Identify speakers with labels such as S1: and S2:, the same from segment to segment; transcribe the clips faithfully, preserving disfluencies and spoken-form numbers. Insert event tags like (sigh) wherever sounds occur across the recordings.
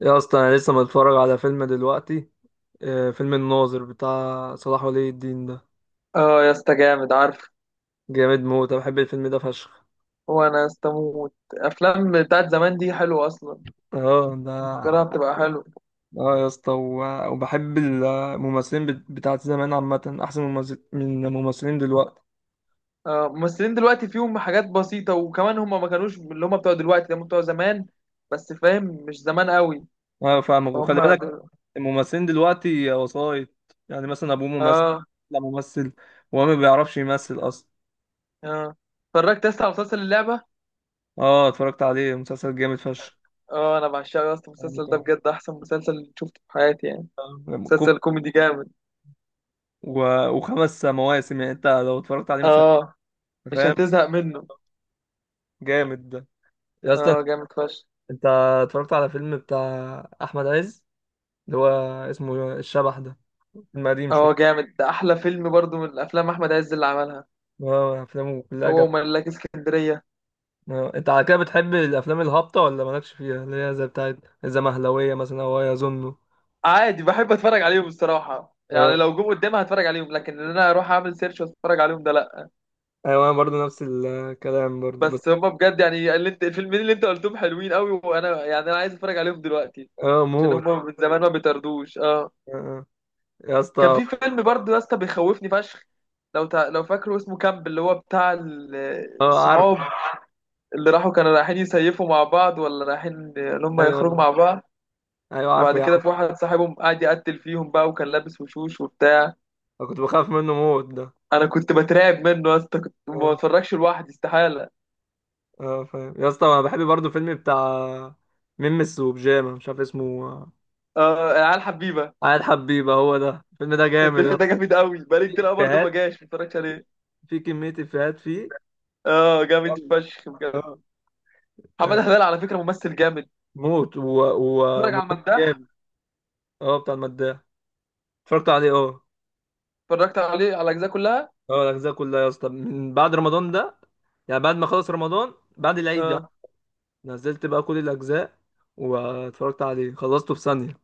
S1: يا اصلا انا لسه متفرج على فيلم دلوقتي. آه، فيلم الناظر بتاع صلاح ولي الدين ده.
S2: اه يا اسطى، جامد عارف.
S1: جامد موت، انا بحب الفيلم ده فشخ.
S2: هو انا استموت افلام بتاعت زمان دي حلوه اصلا،
S1: اه ده.
S2: فكرها بتبقى حلوه.
S1: اه يا اسطى و- وبحب الممثلين بت- بتاعت زمان عامة احسن ممثل من الممثلين دلوقتي.
S2: اه ممثلين دلوقتي فيهم حاجات بسيطه، وكمان هم ما كانوش اللي هم بتوع دلوقتي، هم بتوع زمان. بس فاهم، مش زمان قوي.
S1: اه فاهمك وخلي
S2: فهم
S1: بالك.
S2: دل...
S1: الممثلين دلوقتي وسايط، يعني مثلا ابوه ممثل،
S2: اه
S1: لا ممثل وهو ما بيعرفش يمثل اصلا.
S2: اه، اتفرجت لسه على مسلسل اللعبه.
S1: اه اتفرجت عليه، مسلسل جامد فشخ.
S2: اه انا بعشقه يا اسطى،
S1: يعني
S2: المسلسل ده
S1: كان-
S2: بجد احسن مسلسل شفته في حياتي يعني.
S1: كم-
S2: مسلسل كوميدي جامد.
S1: و... وخمس مواسم، يعني انت لو اتفرجت عليه مش
S2: اه مش
S1: فاهم.
S2: هتزهق منه.
S1: جامد ده يا اسطى.
S2: اه جامد فشخ.
S1: انت اتفرجت على فيلم بتاع احمد عز، اللي هو اسمه الشبح ده، فيلم قديم
S2: اه
S1: شويه.
S2: جامد ده، احلى فيلم برضو من الافلام احمد عز اللي عملها،
S1: اه افلامه كلها
S2: هو
S1: جامده.
S2: وملاك اسكندرية.
S1: اه، انت على كده بتحب الافلام الهابطه ولا مالكش فيها، اللي هي زي بتاعت الزمهلويه مثلا او يظنه.
S2: عادي بحب اتفرج عليهم الصراحة يعني،
S1: اه
S2: لو جم قدامي هتفرج عليهم، لكن ان انا اروح اعمل سيرش واتفرج عليهم ده لا.
S1: ايوه، انا برضه نفس الكلام برضه بس.
S2: بس هما بجد يعني اللي انت الفيلمين اللي انت قلتهم حلوين قوي، وانا يعني انا عايز اتفرج عليهم دلوقتي
S1: اه
S2: عشان
S1: موت.
S2: هما من زمان، ما بيطردوش. اه
S1: اه اه. يا
S2: كان
S1: اسطى.
S2: في فيلم برضه يا اسطى بيخوفني فشخ، لو تع... لو فاكره اسمه كامب، اللي هو بتاع ال-
S1: اه عارف.
S2: الصحاب اللي راحوا، كانوا رايحين يسيفوا مع بعض، ولا رايحين ان هم
S1: ايوه
S2: يخرجوا مع بعض.
S1: ايوه عارفه
S2: وبعد
S1: يا
S2: كده
S1: عم.
S2: في واحد صاحبهم قاعد يقتل فيهم بقى، وكان لابس وشوش وبتاع.
S1: انا كنت بخاف منه موت ده.
S2: انا كنت بترعب منه يا اسطى، كنت ما
S1: اه
S2: بتفرجش لوحدي استحاله.
S1: اه فاهم يا اسطى، انا بحب برضه فيلم بتاع ميمس وبيجامه، مش عارف اسمه.
S2: اه العيال حبيبه.
S1: عاد حبيبه، هو ده الفيلم ده جامد
S2: الفيلم
S1: يا اسطى.
S2: ده جامد قوي، بقالي
S1: في
S2: كتير قوي برضه ما
S1: افيهات،
S2: جاش ما اتفرجتش عليه.
S1: في كميه افيهات فيه.
S2: اه جامد
S1: جامدة.
S2: فشخ بجد.
S1: اه آه،
S2: محمد هلال على فكره ممثل جامد.
S1: موت
S2: اتفرج على
S1: وممثل
S2: المداح،
S1: جامد. اه بتاع المداح، اتفرجت عليه اه.
S2: اتفرجت عليه على الاجزاء كلها.
S1: اه الاجزاء كلها يا اسطى من بعد رمضان ده، يعني بعد ما خلص رمضان بعد العيد يعني.
S2: اه
S1: نزلت بقى كل الاجزاء واتفرجت عليه، خلصته في ثانيه.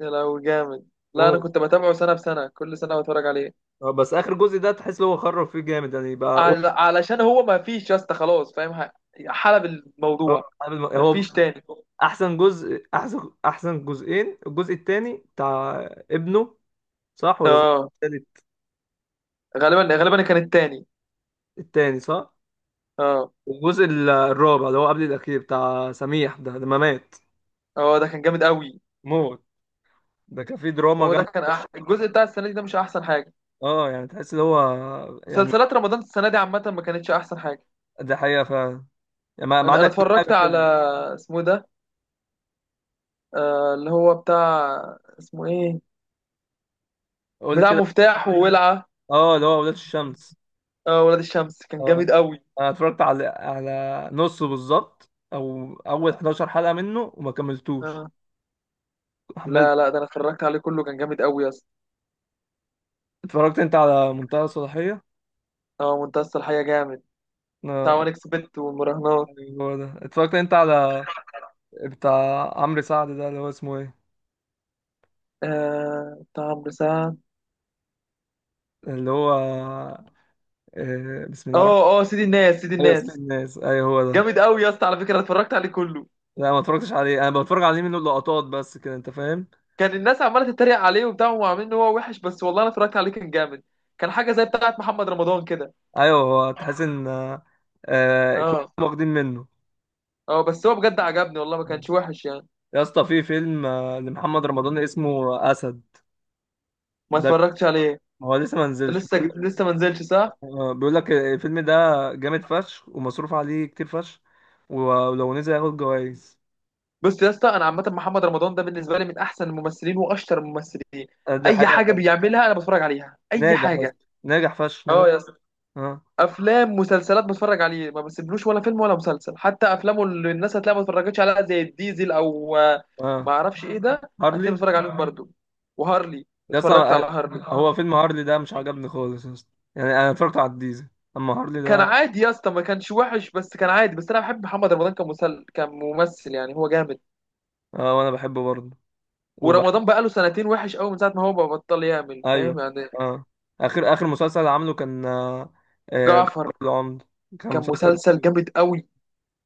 S2: يا لو جامد، لا انا
S1: موت.
S2: كنت بتابعه سنه بسنه، كل سنه بتفرج عليه.
S1: اه بس اخر جزء ده تحس ان هو خرب فيه جامد يعني بقى. أوه.
S2: عل- علشان هو ما فيش يا اسطى، خلاص فاهم، ح- حلب
S1: اه
S2: الموضوع،
S1: عامل-
S2: ما
S1: هو
S2: فيش تاني.
S1: احسن جزء، احسن احسن جزئين، الجزء الثاني بتاع ابنه، صح ولا الجزء
S2: اه
S1: التالت؟
S2: غالبا غالبا كان التاني.
S1: التاني صح.
S2: اه
S1: والجزء ال- الرابع اللي هو قبل الاخير بتاع سميح ده لما مات.
S2: اه ده كان جامد قوي.
S1: موت. ده كان فيه دراما
S2: هو ده
S1: جامده.
S2: كان أح... الجزء بتاع السنه دي ده مش احسن حاجه.
S1: اه يعني تحس اللي هو، يعني
S2: مسلسلات رمضان السنه دي عامه ما كانتش احسن حاجه.
S1: ده حقيقه فعلا. يعني ما ما
S2: انا
S1: عدا
S2: انا
S1: كام
S2: اتفرجت
S1: حاجه
S2: على
S1: كده.
S2: اسمه إيه ده، آه اللي هو بتاع اسمه ايه،
S1: قول لي
S2: بتاع
S1: كده.
S2: مفتاح وولعه.
S1: اه اللي هو ولاد الشمس.
S2: آه ولاد الشمس كان
S1: اه
S2: جامد قوي.
S1: انا اتفرجت على على نصه بالظبط، او اول حداشر حلقه منه وما كملتوش،
S2: آه.
S1: حملت.
S2: لا لا ده انا اتفرجت عليه كله، كان جامد قوي يا اسطى.
S1: اتفرجت انت على منتهى الصلاحيه؟
S2: اه منتصر الحياه جامد، بتاع
S1: اه،
S2: وان اكسبت والمراهنات.
S1: ايوه هو ده. اتفرجت انت على بتاع عمرو سعد ده، اللي هو اسمه ايه؟
S2: آه بتاع عمرو سعد.
S1: اللي هو آه، بسم الله الرحمن الرحيم.
S2: اه اه سيدي الناس، سيدي
S1: ايوه اسم
S2: الناس
S1: الناس، ايوه هو ده.
S2: جامد قوي يا اسطى، على فكره أنا اتفرجت عليه كله.
S1: لا ما اتفرجتش عليه، انا بتفرج عليه منه لقطات بس كده، انت فاهم.
S2: كان الناس عماله تتريق عليه وبتاع وعاملين ان هو وحش، بس والله انا اتفرجت عليه كان جامد. كان حاجه زي بتاعه محمد رمضان كده.
S1: ايوه هو تحس ان آه، آه، كلهم
S2: اه
S1: واخدين منه.
S2: اه بس هو بجد عجبني والله، ما كانش وحش يعني.
S1: يا اسطى في فيلم آه، لمحمد رمضان اسمه اسد
S2: ما
S1: ده،
S2: اتفرجتش عليه.
S1: هو لسه ما نزلش.
S2: لسه
S1: بيقول لك
S2: لسه ما نزلش صح.
S1: آه، بيقول لك الفيلم ده جامد فشخ ومصروف عليه كتير فشخ، ولو نزل هياخد جوائز.
S2: بص يا اسطى، انا عامه محمد رمضان ده بالنسبه لي من احسن الممثلين واشطر الممثلين.
S1: آه، ده
S2: اي
S1: حقيقة
S2: حاجه
S1: فعلا.
S2: بيعملها انا بتفرج عليها، اي
S1: ناجح يا
S2: حاجه.
S1: اسطى ناجح فشخ نا-
S2: اه يا اسطى،
S1: اه
S2: افلام مسلسلات بتفرج عليه ما بسيبلوش ولا فيلم ولا مسلسل. حتى افلامه اللي الناس هتلاقيها ما اتفرجتش عليها، زي الديزل او آه،
S1: اه.
S2: ما اعرفش ايه ده،
S1: هارلي.
S2: هتلاقيه بتفرج عليهم برضو. وهارلي،
S1: يا
S2: اتفرجت
S1: اسطى
S2: على
S1: أنا-
S2: هارلي.
S1: هو فيلم هارلي ده مش عجبني خالص يا اسطى، يعني انا اتفرجت على الديزل اما هارلي
S2: كان
S1: ده.
S2: عادي يا اسطى، ما كانش وحش، بس كان عادي، بس انا بحب محمد رمضان كمسل كممثل يعني، هو جامد.
S1: اه وانا بحبه برضه وبح...
S2: ورمضان بقى له سنتين وحش قوي من ساعه ما هو بطل يعمل،
S1: ايوه
S2: فاهم يعني.
S1: اه. اخر اخر مسلسل عامله كان آه، آه،
S2: جعفر
S1: جعفر العمدة، كان
S2: كان
S1: مسلسل
S2: مسلسل
S1: جامد.
S2: جامد قوي،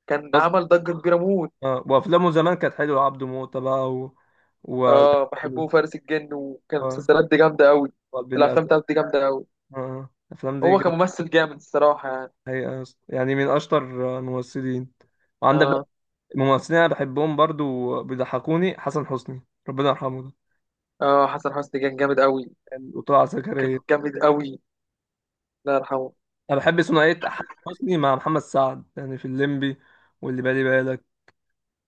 S2: كان
S1: بس
S2: عمل ضجه كبيره موت.
S1: اه وافلامه زمان كانت حلوه، عبده موته بقى و و
S2: اه بحبه فارس الجن، وكان
S1: اه
S2: المسلسلات دي جامده قوي.
S1: وقلب
S2: الافلام
S1: الاسد.
S2: بتاعته دي جامده قوي.
S1: اه آه، الافلام دي
S2: هو
S1: جامده.
S2: كممثل جامد الصراحة يعني.
S1: الحقيقة يا اسطى. يعني من اشطر آه، الممثلين. وعندك بقى
S2: اه
S1: ممثلين انا بحبهم برضه وبيضحكوني، حسن حسني ربنا يرحمه،
S2: اه حسن حسني كان جامد قوي،
S1: وطلع
S2: كان
S1: زكريا.
S2: جامد قوي، الله يرحمه.
S1: انا بحب ثنائيه احمد حسني مع محمد سعد يعني في الليمبي واللي بالي بالك.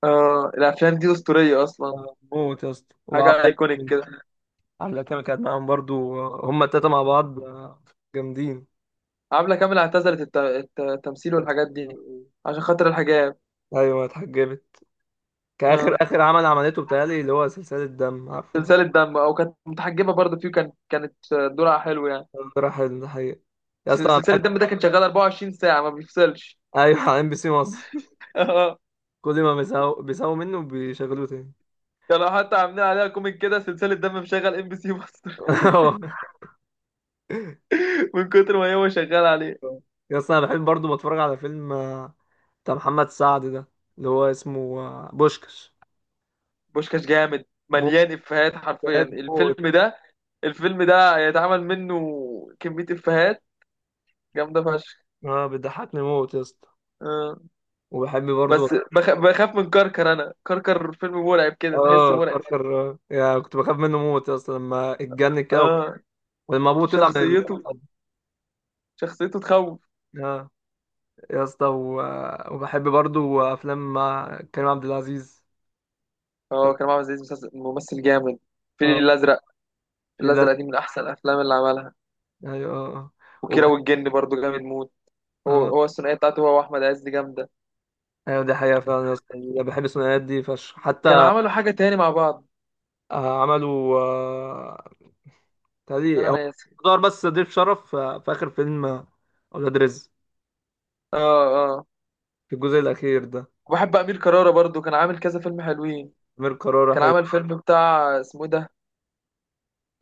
S2: اه الأفلام دي أسطورية أصلا،
S1: موت يا اسطى. وعبله
S2: حاجة أيكونيك
S1: كامل،
S2: كده.
S1: عبله كامل كانت معاهم برضو، هما التلاته مع بعض جامدين.
S2: عبلة كامل اعتزلت الت- الت- التمثيل والحاجات دي عشان خاطر الحجاب.
S1: ايوه اتحجبت. كاخر
S2: اه
S1: اخر عمل عملته بتهيألي اللي هو سلسله دم، عارفه.
S2: سلسلة دم، أو كانت متحجبة برضه فيه، كان كانت دورها حلو يعني.
S1: راح الحقيقه. يا
S2: بس
S1: اسطى انا
S2: سلسلة
S1: بحب.
S2: دم ده كان شغال اربعة وعشرين ساعة ما بيفصلش.
S1: ايوه على ام بي سي مصر.
S2: (laughs) اه
S1: كل ما بيساووا بيساووا منه بيشغلوه تاني.
S2: كانوا حتى عاملين عليها كوميك كده، سلسلة دم مشغل ام بي سي مصر.
S1: (laughs)
S2: (laughs) من كتر ما هو شغال عليه.
S1: يا اسطى انا بحب برضو بتفرج على فيلم بتاع محمد سعد ده، اللي هو اسمه آه، بوشكش.
S2: بوشكاش جامد،
S1: موت،
S2: مليان افيهات حرفيا
S1: بجد موت.
S2: الفيلم ده. الفيلم ده هيتعمل منه كمية افيهات جامدة فشخ.
S1: اه بيضحكني موت يا اسطى.
S2: آه.
S1: وبحب برضه
S2: بس بخ... بخاف من كركر، انا كركر فيلم مرعب كده، تحسه
S1: اه
S2: مرعب.
S1: كركر. آه. يعني كنت بخاف منه موت يا اسطى لما اتجنن كده و-
S2: اه
S1: ولما ابوه طلع من ال...
S2: شخصيته، شخصيته تخوف.
S1: اه. يا اسطى و... آه، وبحب برضه افلام مع كريم عبد العزيز.
S2: اه
S1: طب-
S2: كريم عبد العزيز مسلسل- ممثل جامد. الفيل
S1: اه
S2: الازرق،
S1: في لازم.
S2: الازرق دي من احسن الافلام اللي عملها.
S1: ايوه اه آه.
S2: وكيرة
S1: وبح...
S2: والجن برضو جامد موت. هو
S1: اه
S2: هو الثنائيه بتاعته هو واحمد عز دي جامده.
S1: ايوه، دي حقيقة فعلا يا اسطى، بحب الثنائيات دي فشخ
S2: كانوا
S1: حتى.
S2: عملوا حاجه تاني مع بعض،
S1: آه، عملوا آه،
S2: بس
S1: تهيألي
S2: انا
S1: هو
S2: ناسي.
S1: دار بس ضيف شرف في في آخر فيلم، أولاد رزق،
S2: اه اه
S1: في الجزء الأخير ده.
S2: وبحب امير كرارة برضو، كان عامل كذا فيلم حلوين.
S1: أمير كرارة
S2: كان
S1: حلو.
S2: عامل فيلم بتاع اسمه إيه ده،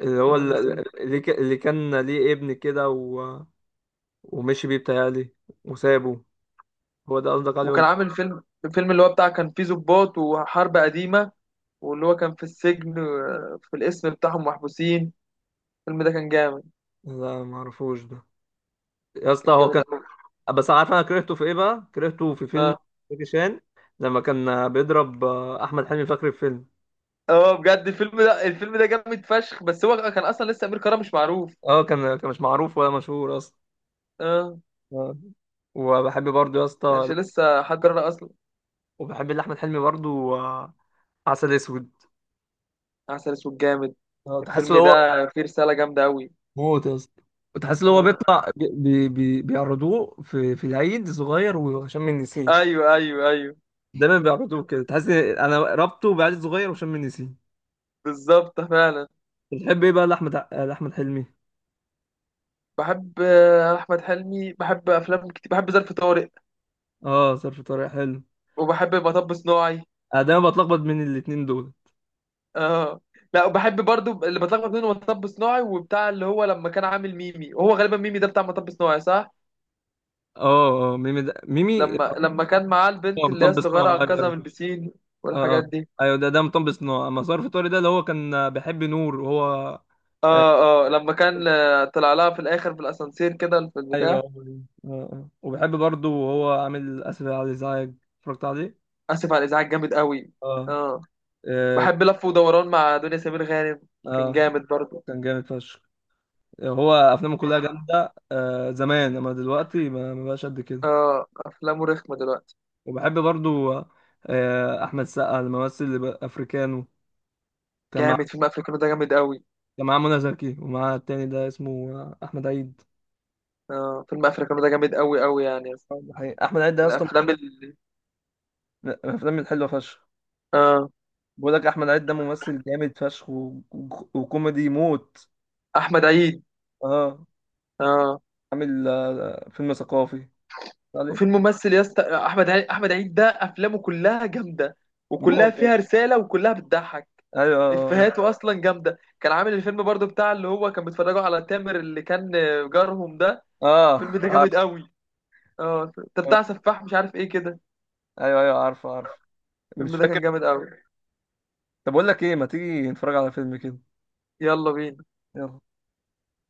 S1: اللي هو
S2: انا
S1: ال-
S2: نسيت.
S1: ال- اللي ك- اللي كان ليه ابن كده و... ومشي بيه بتهيألي وسابه، هو ده قصدك عليه ولا؟
S2: وكان عامل فيلم، الفيلم اللي هو بتاع كان فيه ضباط وحرب قديمة، واللي هو كان في السجن، آه، في الاسم بتاعهم محبوسين. الفيلم ده كان جامد،
S1: لا معرفوش ده. يا اسطى
S2: كان
S1: هو
S2: جامد
S1: كان،
S2: قوي.
S1: بس عارف أنا كرهته في إيه بقى؟ كرهته في فيلم
S2: اه
S1: زكي شان لما كان بيضرب أحمد حلمي في آخر الفيلم.
S2: اه بجد الفيلم ده، الفيلم ده جامد فشخ، بس هو كان اصلا لسه امير كرارة مش معروف.
S1: اه كان كان مش معروف ولا مشهور أصلا.
S2: اه
S1: آه. وبحب برضه يا اسطى،
S2: كانش لسه حد كرارة اصلا.
S1: وبحب اللي أحمد حلمي برضه آه، عسل أسود.
S2: عسل اسود جامد،
S1: اه تحس ان
S2: الفيلم
S1: هو،
S2: ده فيه رسالة جامدة قوي.
S1: موت يا اسطى، تحس ان هو
S2: آه.
S1: بيطلع بي بي بي- بيعرضوه في في العيد صغير وشم النسيم.
S2: ايوه ايوه ايوه،
S1: دايما بيعرضوه كده، تحس إن انا ربطه بعيد صغير وشم النسيم.
S2: بالظبط فعلا.
S1: بتحب ايه بقى لاحمد ع- لاحمد حلمي؟
S2: بحب آه، احمد حلمي، بحب افلام كتير، بحب ظرف طارق
S1: اه ظرف طارق حلو.
S2: وبحب مطب صناعي.
S1: انا دايما بتلخبط بين الاتنين دول.
S2: اه لا وبحب برضو اللي بتلخبط بينه مطب صناعي وبتاع، اللي هو لما كان عامل ميمي، وهو غالبا ميمي ده بتاع مطب صناعي صح،
S1: اه اه ميمي ده ميمي.
S2: لما لما كان معاه
S1: اه
S2: البنت اللي هي
S1: مطب صناعي،
S2: الصغيره
S1: ايوه
S2: انقذها من
S1: أيوة.
S2: البسين
S1: اه اه
S2: والحاجات دي.
S1: ايوه ده ده مطب صناعي، اما ظرف طارق ده اللي هو كان بيحب نور وهو
S2: اه
S1: آه،
S2: اه لما كان آه، طلع لها في الاخر في الاسانسير كده في
S1: ايوه
S2: البتاع.
S1: اه اه آه. وبيحب برضه وهو عامل اسف على الازعاج، اتفرجت عليه
S2: اسف على الازعاج جامد قوي.
S1: اه.
S2: اه
S1: إيه،
S2: بحب لف ودوران مع دنيا سمير غانم، كان
S1: اه
S2: جامد برضو.
S1: كان جامد فشخ. هو افلامه كلها جامده آه زمان، اما دلوقتي ما ما بقاش قد كده.
S2: اه افلامه رخمه دلوقتي.
S1: وبحب برضو آه احمد سقا، الممثل اللي بقى افريكانو، كان مع،
S2: جامد، فيلم افريكانو ده جامد قوي.
S1: كان معاه منى زكي ومعاه التاني ده اسمه آه، احمد عيد.
S2: اه فيلم افريكانو ده جامد قوي قوي يعني،
S1: آه، ده حقيقي. احمد عيد ده يا
S2: من
S1: اسطى
S2: الافلام اللي
S1: من الافلام الحلوه فشخ.
S2: اه
S1: بقول لك احمد عيد ده ممثل جامد فشخ و... و- وكوميدي موت.
S2: احمد عيد.
S1: اه
S2: اه
S1: عامل آه، فيلم ثقافي عليه.
S2: وفي الممثل يا اسطى، آه، احمد عيد، احمد عيد ده افلامه كلها جامده، وكلها
S1: موت يا
S2: فيها
S1: اسطى.
S2: رساله وكلها بتضحك.
S1: ايوه اه
S2: افيهاته اصلا جامده. كان عامل الفيلم برضو بتاع، اللي هو كان بيتفرجوا على تامر اللي كان جارهم ده. الفيلم
S1: آه،
S2: ده
S1: عارف.
S2: جامد قوي. اه ده بتاع سفاح مش عارف ايه كده.
S1: ايوه ايوه عارفه عارفه، مش
S2: الفيلم ده
S1: فاكر.
S2: كان جامد قوي.
S1: طب اقول لك ايه، ما تيجي نتفرج على فيلم كده؟
S2: يلا بينا.
S1: يلا.